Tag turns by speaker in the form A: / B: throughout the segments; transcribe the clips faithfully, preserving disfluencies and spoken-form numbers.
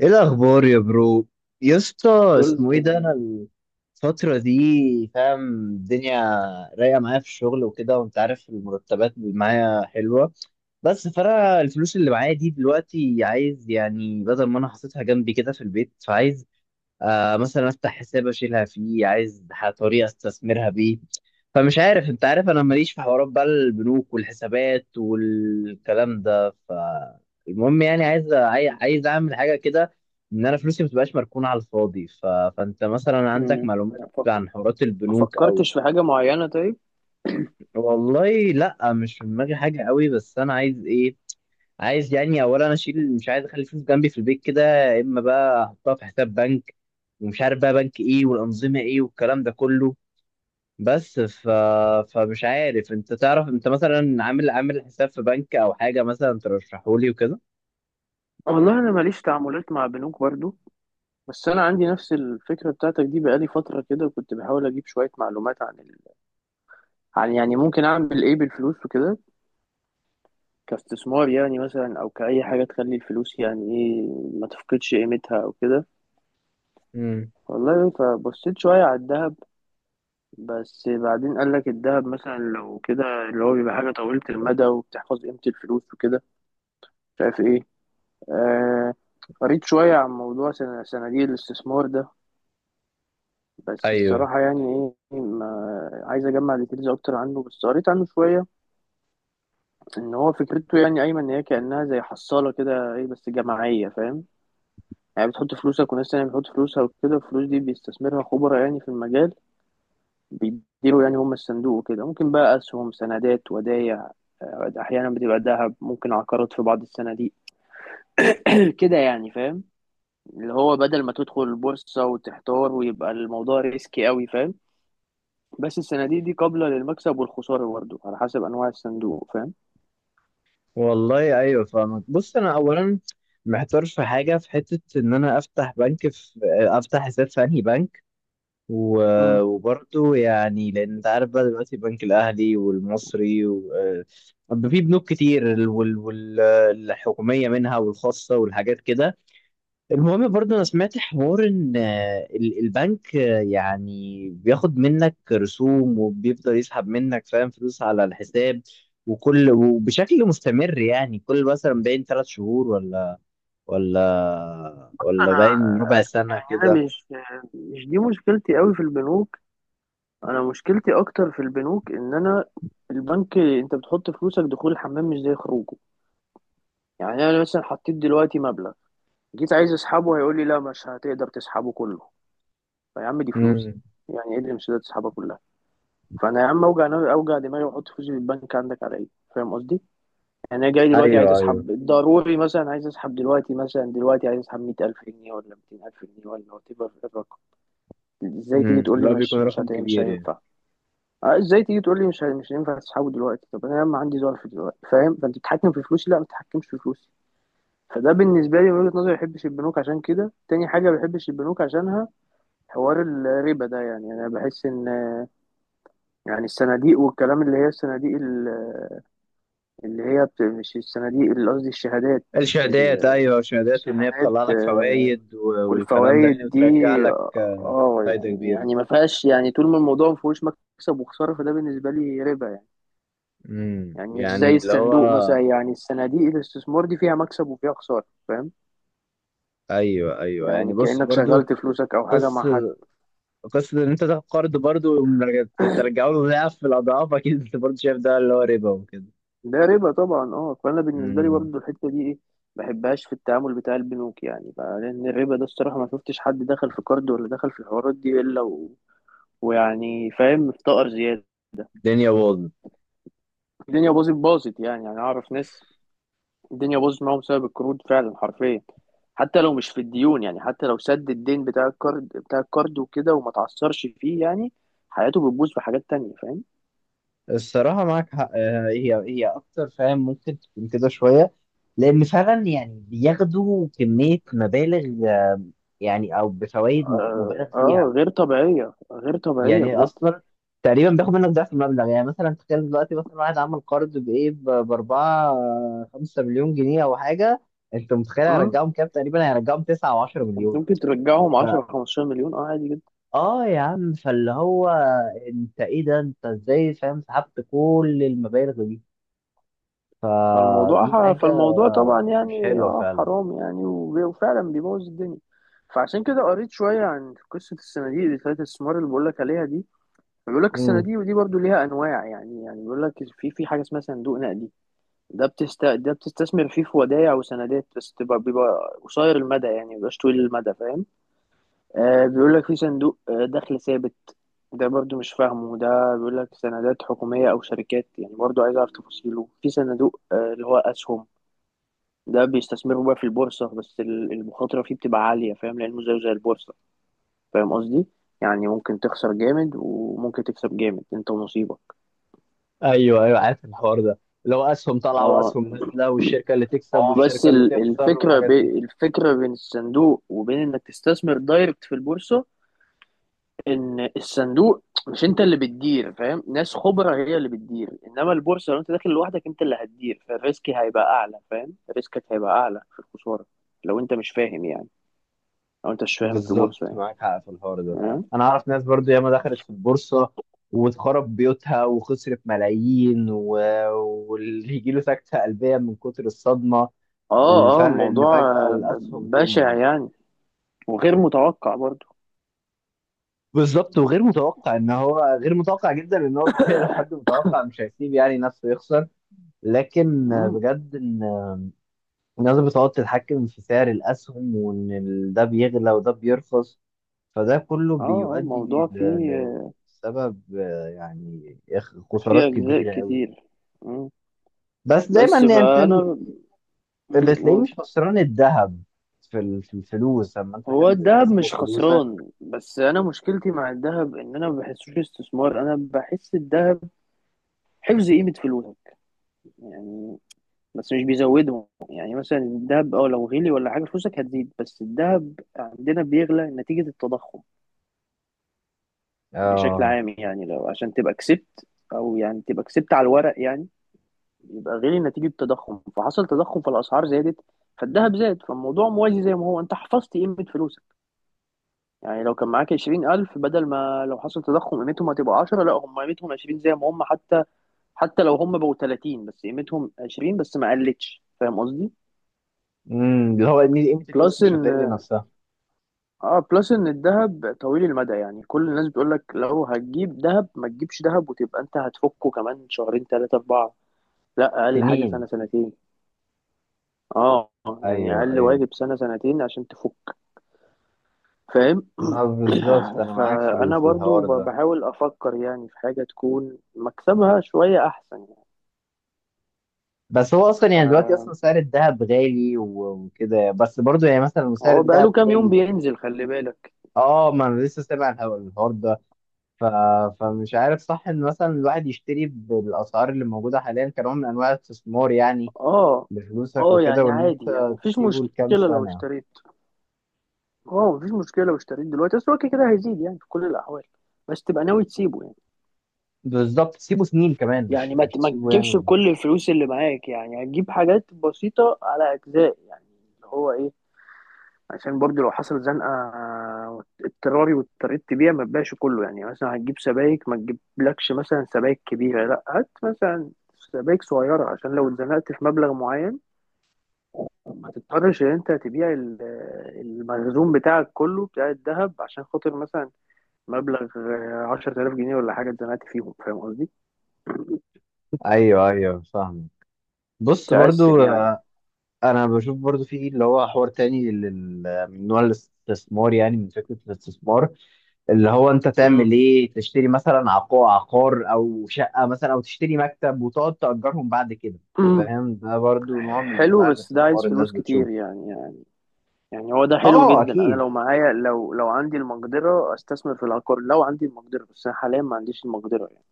A: ايه الاخبار يا برو؟ يا اسطى
B: كله
A: اسمه ايه ده؟ انا
B: تمام.
A: الفتره دي فاهم الدنيا رايقه معايا في الشغل وكده، وانت عارف المرتبات اللي معايا حلوه. بس فانا الفلوس اللي معايا دي دلوقتي عايز يعني بدل ما انا حاططها جنبي كده في البيت، فعايز آه مثلا افتح حساب اشيلها فيه، عايز ح- طريقه استثمرها بيه. فمش عارف، انت عارف انا ماليش في حوارات بقى البنوك والحسابات والكلام ده، فالمهم يعني عايز عاي- عايز اعمل حاجه كده ان انا فلوسي ما تبقاش مركونه على الفاضي. ف... فانت مثلا عندك
B: مم.
A: معلومات عن حوارات
B: ما
A: البنوك او
B: فكرتش في حاجة معينة. طيب،
A: والله لا، مش في دماغي حاجه قوي. بس انا عايز ايه؟ عايز يعني اولا اشيل، مش عايز اخلي فلوس جنبي في البيت كده، يا اما بقى احطها في حساب بنك، ومش عارف بقى بنك ايه والانظمه ايه والكلام ده كله. بس ف... فمش عارف، انت تعرف انت مثلا عامل عامل حساب في بنك او حاجه مثلا ترشحولي وكده.
B: والله أنا ماليش تعاملات مع بنوك برضو. بس أنا عندي نفس الفكرة بتاعتك دي بقالي فترة كده، كنت بحاول أجيب شوية معلومات عن ال... عن يعني ممكن أعمل إيه بالفلوس وكده، كاستثمار يعني مثلا، أو كأي حاجة تخلي الفلوس يعني إيه، ما تفقدش قيمتها أو كده.
A: امم،
B: والله فبصيت شوية على الذهب، بس بعدين قال لك الذهب مثلا لو كده، اللي هو بيبقى حاجة طويلة المدى وبتحفظ قيمة الفلوس وكده، مش عارف إيه. آه، قريت شوية عن موضوع سن- صناديق الاستثمار ده. بس
A: ايوه.
B: الصراحة يعني إيه، ما عايز أجمع ديتيلز أكتر عنه، بس قريت عنه شوية. إن هو فكرته يعني أيمن، إن هي كأنها زي حصالة كده إيه، بس جماعية، فاهم؟ يعني بتحط فلوسك وناس تانية بتحط فلوسها وكده، الفلوس دي بيستثمرها خبراء يعني في المجال، بيديروا يعني هم الصندوق وكده، ممكن بقى أسهم، سندات، ودايع، آه، أحيانا بتبقى ذهب، ممكن عقارات في بعض الصناديق. كده يعني، فاهم؟ اللي هو بدل ما تدخل البورصة وتحتار ويبقى الموضوع ريسكي قوي، فاهم؟ بس الصناديق دي قابلة للمكسب والخسارة برضه على حسب أنواع الصندوق، فاهم؟
A: والله ايوه فاهمك. بص انا اولا محتار في حاجه، في حته ان انا افتح بنك في، افتح حساب في انهي بنك. و-
B: مم.
A: وبرضه يعني لان انت عارف بقى دلوقتي البنك الاهلي والمصري و... آه، في بنوك كتير، ال- وال... وال... آه، الحكوميه منها والخاصه والحاجات كده. المهم برضه انا سمعت حوار ان آه، ال- البنك آه، يعني بياخد منك رسوم وبيفضل يسحب منك، فاهم، فلوس على الحساب وكل وبشكل مستمر، يعني كل مثلا باين ثلاث شهور ولا ولا ولا
B: أنا
A: باين ربع سنه
B: أنا
A: كده.
B: مش مش دي مشكلتي قوي في البنوك. أنا مشكلتي أكتر في البنوك إن أنا البنك، أنت بتحط فلوسك، دخول الحمام مش زي خروجه. يعني أنا مثلا حطيت دلوقتي مبلغ، جيت عايز أسحبه، هيقول لي لا مش هتقدر تسحبه كله. فيا عم دي فلوسي،
A: امم.
B: يعني إيه اللي مش هتقدر تسحبها كلها؟ فانا يا عم اوجع نو- اوجع دماغي واحط فلوسي في البنك عندك على ايه؟ فاهم قصدي؟ يعني انا جاي دلوقتي عايز
A: ايوه ايوه.
B: اسحب ضروري، مثلا عايز اسحب دلوقتي، مثلا دلوقتي عايز اسحب مية ألف جنيه ولا ميتين ألف جنيه ولا وات ايفر الرقم. ازاي تيجي
A: امم،
B: تقول
A: اللي
B: لي
A: هو بيكون
B: مش مش
A: رقم
B: هت... مش
A: كبير يعني.
B: هينفع؟ آه، ازاي تيجي تقول لي مش هي- مش هينفع تسحبه دلوقتي؟ طب انا يا عم عندي ظرف دلوقتي، فاهم؟ فانت بتتحكم في فلوسي؟ لا، ما تتحكمش في فلوسي. فده بالنسبه لي من وجهه نظري، ما بحبش البنوك عشان كده. تاني حاجه ما بحبش البنوك عشانها، حوار الربا ده. يعني يعني انا بحس ان، يعني الصناديق والكلام، اللي هي الصناديق اللي هي بت... مش السنة دي اللي قصدي، الشهادات.
A: الشهادات،
B: ال-
A: ايوه الشهادات، وان هي
B: الشهادات
A: بتطلع لك
B: آه،
A: فوائد و- والكلام ده يعني
B: والفوائد دي.
A: وترجع لك آه،
B: اه
A: فايده
B: يعني،
A: كبيره.
B: يعني ما فيهاش يعني، طول ما الموضوع ما فيهوش مكسب وخسارة، فده بالنسبة لي ربا يعني.
A: امم،
B: يعني مش
A: يعني
B: زي
A: اللي هو
B: الصندوق مثلا، يعني الصناديق الاستثمار دي فيها مكسب وفيها خسارة، فاهم؟
A: ايوه ايوه، يعني
B: يعني
A: بص
B: كأنك
A: برضو
B: شغلت فلوسك أو حاجة مع حد.
A: قصه، قصه ان انت تاخد قرض برضو ومرجع- ترجعه له ضعف الاضعاف، اكيد انت برضو شايف ده اللي هو ربا وكده.
B: ده ربا طبعا. اه فأنا بالنسبة لي
A: امم.
B: برضه الحتة دي ايه، ما بحبهاش في التعامل بتاع البنوك يعني بقى، لأن الربا ده الصراحة ما شفتش حد دخل في كارد ولا دخل في الحوارات دي إلا ويعني فاهم، مفتقر زيادة.
A: الدنيا باظت.
B: الدنيا باظت باظت يعني يعني أعرف ناس، الدنيا باظت معاهم بسبب القروض فعلا، حرفيا. حتى لو مش في الديون، يعني حتى لو سد الدين بتاع الكارد، بتاع الكارد وكده وما تعثرش فيه يعني، حياته بتبوظ في حاجات تانية، فاهم؟
A: الصراحه معاك حق، آه، هي هي اكتر فاهم، ممكن تكون كده شويه لان فعلا يعني بياخدوا كميه مبالغ يعني، او بفوائد مبالغ
B: آه, آه
A: فيها.
B: غير طبيعية، غير طبيعية
A: يعني
B: بجد.
A: اصلا تقريبا بياخد منك ضعف المبلغ، يعني مثلا تخيل دلوقتي مثلا واحد عمل قرض بايه ب- باربعة خمسة مليون جنيه او حاجه، انت متخيل
B: مم.
A: هيرجعهم كام؟ تقريبا هيرجعهم تسعة او عشرة مليون.
B: ممكن ترجعهم عشرة
A: فا
B: خمستاشر مليون، اه عادي جدا.
A: اه يا عم، فاللي هو انت ايه ده؟ انت ازاي، فاهم، سحبت كل المبالغ دي؟ فدي
B: فالموضوع
A: حاجه
B: فالموضوع طبعا
A: مش
B: يعني
A: حلوه
B: اه
A: فعلا.
B: حرام يعني، وب- وفعلا بيبوظ الدنيا. فعشان كده قريت شوية عن قصة الصناديق اللي بتاعت الاستثمار اللي بقولك عليها دي. بيقول لك الصناديق دي برضو ليها أنواع يعني يعني بيقول لك في في حاجة اسمها صندوق نقدي. ده بتست ده بتستثمر فيه في ودائع وسندات، بس تبقى بيبقى قصير المدى يعني، مبيبقاش طويل المدى، فاهم؟ آه بيقول لك في صندوق آه، دخل ثابت، ده برضو مش فاهمه. ده بيقول لك سندات حكومية أو شركات يعني، برضو عايز أعرف تفاصيله. في صندوق آه، اللي هو أسهم، ده بيستثمروا بقى في البورصة، بس ال- المخاطرة فيه بتبقى عالية، فاهم؟ لأنه زيه زي البورصة، فاهم قصدي؟ يعني ممكن تخسر جامد وممكن تكسب جامد، انت ونصيبك.
A: ايوه ايوه عارف الحوار ده، اللي هو اسهم طالعه
B: اه
A: واسهم نازله، والشركه اللي تكسب
B: بس
A: والشركه اللي
B: ال-
A: تخسر
B: الفكرة
A: والحاجات
B: بي
A: دي.
B: الفكرة بين الصندوق وبين انك تستثمر دايركت في البورصة، ان الصندوق مش انت اللي بتدير، فاهم؟ ناس خبرة هي اللي بتدير. انما البورصة لو انت داخل لوحدك، انت اللي هتدير، فالريسك هيبقى اعلى، فاهم؟ ريسكك هيبقى اعلى في الخسارة، لو انت مش فاهم يعني، لو انت مش فاهم في
A: بالظبط
B: البورصة يعني.
A: معاك حق في الحوار ده.
B: آه.
A: انا اعرف ناس برضو ياما دخلت في البورصه واتخرب بيوتها وخسرت ملايين و... واللي يجي له سكته قلبيه من كتر الصدمه.
B: اه اه
A: الفرق ان
B: موضوع
A: فجاه
B: آه،
A: الاسهم
B: ب- بشع
A: تنزل.
B: يعني. وغير متوقع برضو.
A: بالظبط وغير متوقع، ان هو غير متوقع جدا، ان هو طبيعي، لو حد متوقع مش هيسيب يعني نفسه يخسر. لكن
B: امم
A: بجد الناس بتقعد تتحكم في سعر الأسهم، وإن ال- ده بيغلى وده بيرخص، فده كله
B: اه اه موضوع
A: بيؤدي
B: فيه
A: ل-
B: آه،
A: لسبب، آه، يعني إخ-
B: فيه
A: خسارات
B: اجزاء
A: كبيرة أوي.
B: كتير. مم.
A: بس دايما
B: بس
A: يعني أنت ال-
B: فانا، مم،
A: اللي تلاقيه
B: قول.
A: مش خسران الذهب، في ال- في الفلوس لما أنت
B: هو
A: تحب
B: الذهب
A: تستثمر
B: مش
A: فلوسك.
B: خسران، بس انا مشكلتي مع الذهب ان انا ما بحسوش استثمار، انا بحس الذهب حفظ قيمة فلوسك يعني، بس مش بيزودهم. يعني مثلا الذهب اه لو غلي ولا حاجة فلوسك هتزيد، بس الذهب عندنا بيغلى نتيجة التضخم بشكل
A: آه.
B: عام، يعني لو عشان تبقى كسبت، او يعني تبقى كسبت على الورق يعني، يبقى غير نتيجة التضخم، فحصل تضخم فالاسعار زادت فالذهب زاد، فالموضوع موازي زي ما هو، انت حفظت قيمة فلوسك يعني. لو كان معاك عشرين ألف، بدل ما لو حصل تضخم قيمتهم هتبقى عشرة، لا هم قيمتهم عشرين زي ما هم حتى. حتى لو هم بقوا ثلاثين بس قيمتهم عشرين، بس ما قلتش، فاهم قصدي؟
A: امم، اللي هو إن قيمة الفلوس
B: بلس
A: مش
B: ان،
A: هتقل نفسها.
B: اه بلس ان الذهب طويل المدى يعني، كل الناس بتقول لك لو هتجيب ذهب ما تجيبش ذهب وتبقى انت هتفكه كمان شهرين ثلاثة أربعة، لا اقل حاجه
A: تنين.
B: سنه سنتين. اه يعني
A: أيوه
B: اقل
A: أيوه.
B: واجب سنه سنتين عشان تفك، فاهم؟
A: ما بالظبط أنا معاك في ال-
B: فانا
A: في
B: برضو
A: الحوار
B: ب-
A: ده.
B: بحاول افكر يعني في حاجه تكون مكسبها شويه احسن يعني.
A: بس هو اصلا يعني دلوقتي اصلا
B: ف-
A: سعر الذهب غالي و- وكده، بس برضو يعني مثلا لو سعر
B: هو بقاله
A: الذهب
B: كام يوم
A: غالي.
B: بينزل، خلي بالك.
A: اه، ما انا لسه سامع الح- الحوار ده. ف... فمش عارف صح ان مثلا الواحد يشتري بالاسعار اللي موجوده حاليا كنوع من انواع الاستثمار يعني،
B: اه
A: لفلوسك
B: اه
A: وكده،
B: يعني
A: وان انت
B: عادي يعني مفيش
A: تسيبه لكام
B: مشكله لو
A: سنه.
B: اشتريت. اه مفيش مشكله لو اشتريت دلوقتي بس هو كده كده هيزيد يعني في كل الاحوال، بس تبقى ناوي تسيبه يعني.
A: بالظبط تسيبه سنين كمان،
B: يعني
A: مش
B: ما
A: مش
B: ت- ما
A: تسيبه
B: تجيبش
A: يعني.
B: بكل الفلوس اللي معاك، يعني هتجيب حاجات بسيطه على اجزاء يعني. اللي هو ايه، عشان برضو لو حصلت زنقة اضطراري واضطريت تبيع، ما تبيعش كله. يعني مثلا هتجيب سبايك، ما تجيبلكش مثلا سبايك كبيرة، لا هات مثلا سبايك صغيرة، عشان لو اتزنقت في مبلغ معين ما تضطرش ان انت تبيع ال- المخزون بتاعك كله بتاع الذهب عشان خاطر مثلا مبلغ عشرة آلاف جنيه ولا حاجة اتزنقت فيهم، فاهم قصدي؟
A: ايوه ايوه فاهم. بص
B: تقسم
A: برضو
B: يعني.
A: آه، انا بشوف برضو في اللي هو حوار تاني، لل- من نوع الاستثمار يعني، من فكره الاستثمار، اللي هو انت تعمل
B: مم.
A: ايه تشتري مثلا عقار عقار او شقه مثلا، او تشتري مكتب وتقعد تأجرهم بعد كده،
B: مم.
A: فاهم؟ ده برضو نوع من
B: حلو،
A: انواع
B: بس ده عايز
A: الاستثمار الناس
B: فلوس كتير
A: بتشوف.
B: يعني. يعني هو ده حلو
A: اه
B: جدا، انا
A: اكيد.
B: لو معايا، لو لو عندي المقدره استثمر في العقار. لو عندي المقدره، بس انا حاليا ما عنديش المقدره يعني.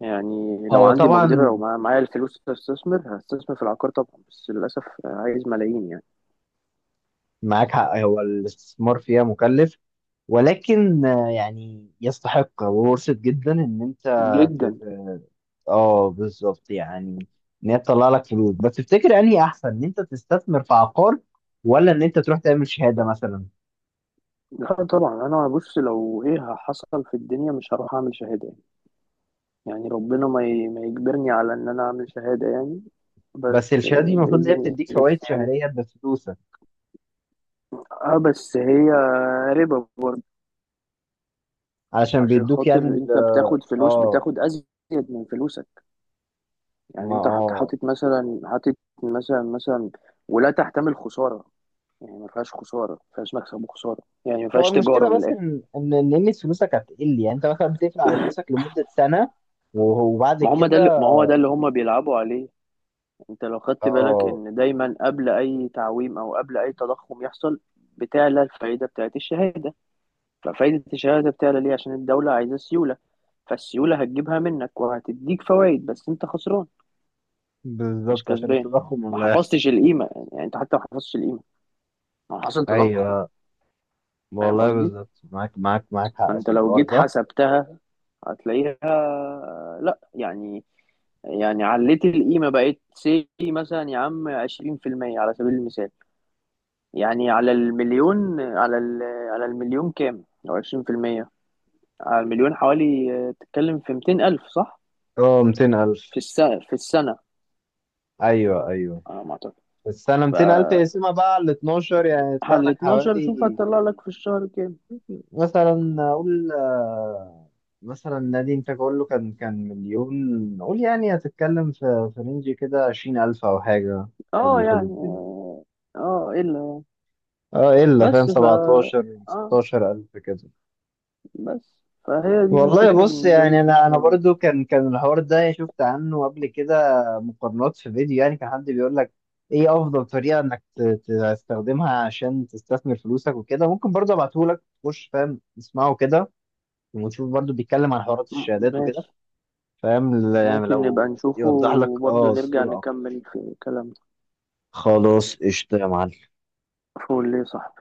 B: يعني لو
A: هو
B: عندي مقدره،
A: طبعا
B: لو مع- معايا الفلوس، استثمر هستثمر في العقار طبعا، بس للاسف عايز ملايين يعني.
A: معاك حق، هو الاستثمار فيها مكلف، ولكن آه، يعني يستحق وورثة جدا ان انت
B: جدا.
A: تت- اه بالظبط يعني، ان هي تطلع لك فلوس. بس تفتكر انهي احسن، ان انت تستثمر في عقار، ولا ان انت تروح تعمل شهادة مثلا؟
B: لا طبعا انا بص، لو ايه حصل في الدنيا مش هروح اعمل شهاده يعني. يعني ربنا ما ي- ما يجبرني على ان انا اعمل شهاده يعني.
A: بس
B: بس
A: الشهاده دي
B: آه،
A: المفروض ان هي
B: باذن،
A: بتديك
B: بس
A: فوائد
B: يعني.
A: شهريه بفلوسك،
B: اه بس هي ربا برضه،
A: علشان
B: عشان
A: بيدوك
B: خاطر
A: يعني ال
B: انت بتاخد فلوس،
A: اه
B: بتاخد ازيد من فلوسك. يعني
A: ما
B: انت حط-
A: اه.
B: حاطط مثلا حاطط مثلا مثلا، ولا تحتمل خساره، يعني ما فيهاش خساره، ما فيهاش مكسب وخساره يعني، ما
A: هو
B: فيهاش تجاره
A: المشكله
B: من
A: بس
B: الاخر.
A: ان ان ان قيمه فلوسك هتقل، يعني انت مثلا بتقفل على فلوسك لمده سنه وهو- وبعد
B: ما هم ده اللي-
A: كده.
B: ما هو ده اللي هم بيلعبوا عليه، انت لو خدت بالك
A: اه
B: ان دايما قبل اي تعويم او قبل اي تضخم يحصل بتعلى الفائده بتاعت الشهاده. ففائده الشهاده بتعلى ليه؟ عشان الدوله عايزه سيوله، فالسيوله هتجيبها منك وهتديك فوائد بس انت خسران مش
A: بالظبط، عشان
B: كسبان.
A: التضخم
B: ما
A: اللي هيحصل.
B: حفظتش القيمه يعني، انت حتى ما حفظتش القيمه، ما حصل تضخم،
A: ايوه.
B: فاهم
A: والله
B: قصدي؟
A: بالظبط معاك معاك معاك حق
B: فانت
A: في
B: لو
A: الحوار
B: جيت
A: ده.
B: حسبتها هتلاقيها لا يعني. يعني عليت القيمه، بقت سي مثلا يا عم عشرين في المية على سبيل المثال. يعني على المليون، على ال- على المليون كام لو عشرين بالمية؟ على المليون حوالي، آه، تتكلم في ميتين ألف، صح؟
A: اه مئتين الف جنيه.
B: في السنه، في السنه
A: ايوه ايوه
B: على ما اعتقد.
A: في السنه.
B: ف
A: مئتين ألف اقسمها بقى على اتناشر، يعني يطلع
B: على
A: لك
B: اتناشر شوف
A: حوالي
B: هتطلع لك في الشهر كام.
A: مثلا اقول آه، مثلا نادي انت تقول له كان كان مليون، قول يعني هتتكلم في في رينج كده عشرين الف او حاجه، في
B: اه يعني،
A: الحدود دي.
B: اه الا.
A: اه الا، فاهم،
B: بس ف
A: سبعتاشر
B: اه
A: ستاشر الف كده.
B: بس فهي دي
A: والله
B: الفكرة
A: بص
B: بالنسبة لي
A: يعني
B: في
A: انا انا
B: الشهادات.
A: برضو كان كان الحوار ده يعني شفت عنه قبل كده مقارنات في فيديو، يعني كان حد بيقول لك ايه افضل طريقه انك ت- تستخدمها عشان تستثمر فلوسك وكده. ممكن برضو ابعته لك تخش فاهم تسمعه كده، وتشوف برضو بيتكلم عن حوارات
B: م-
A: الشهادات وكده،
B: ماشي،
A: فاهم؟ ل- يعني
B: ممكن نبقى
A: لو
B: نشوفه
A: يوضح لك
B: وبرضه
A: اه
B: نرجع
A: الصورة اكتر.
B: نكمل في كلامنا.
A: خلاص قشطة يا معلم.
B: فول ليه صح.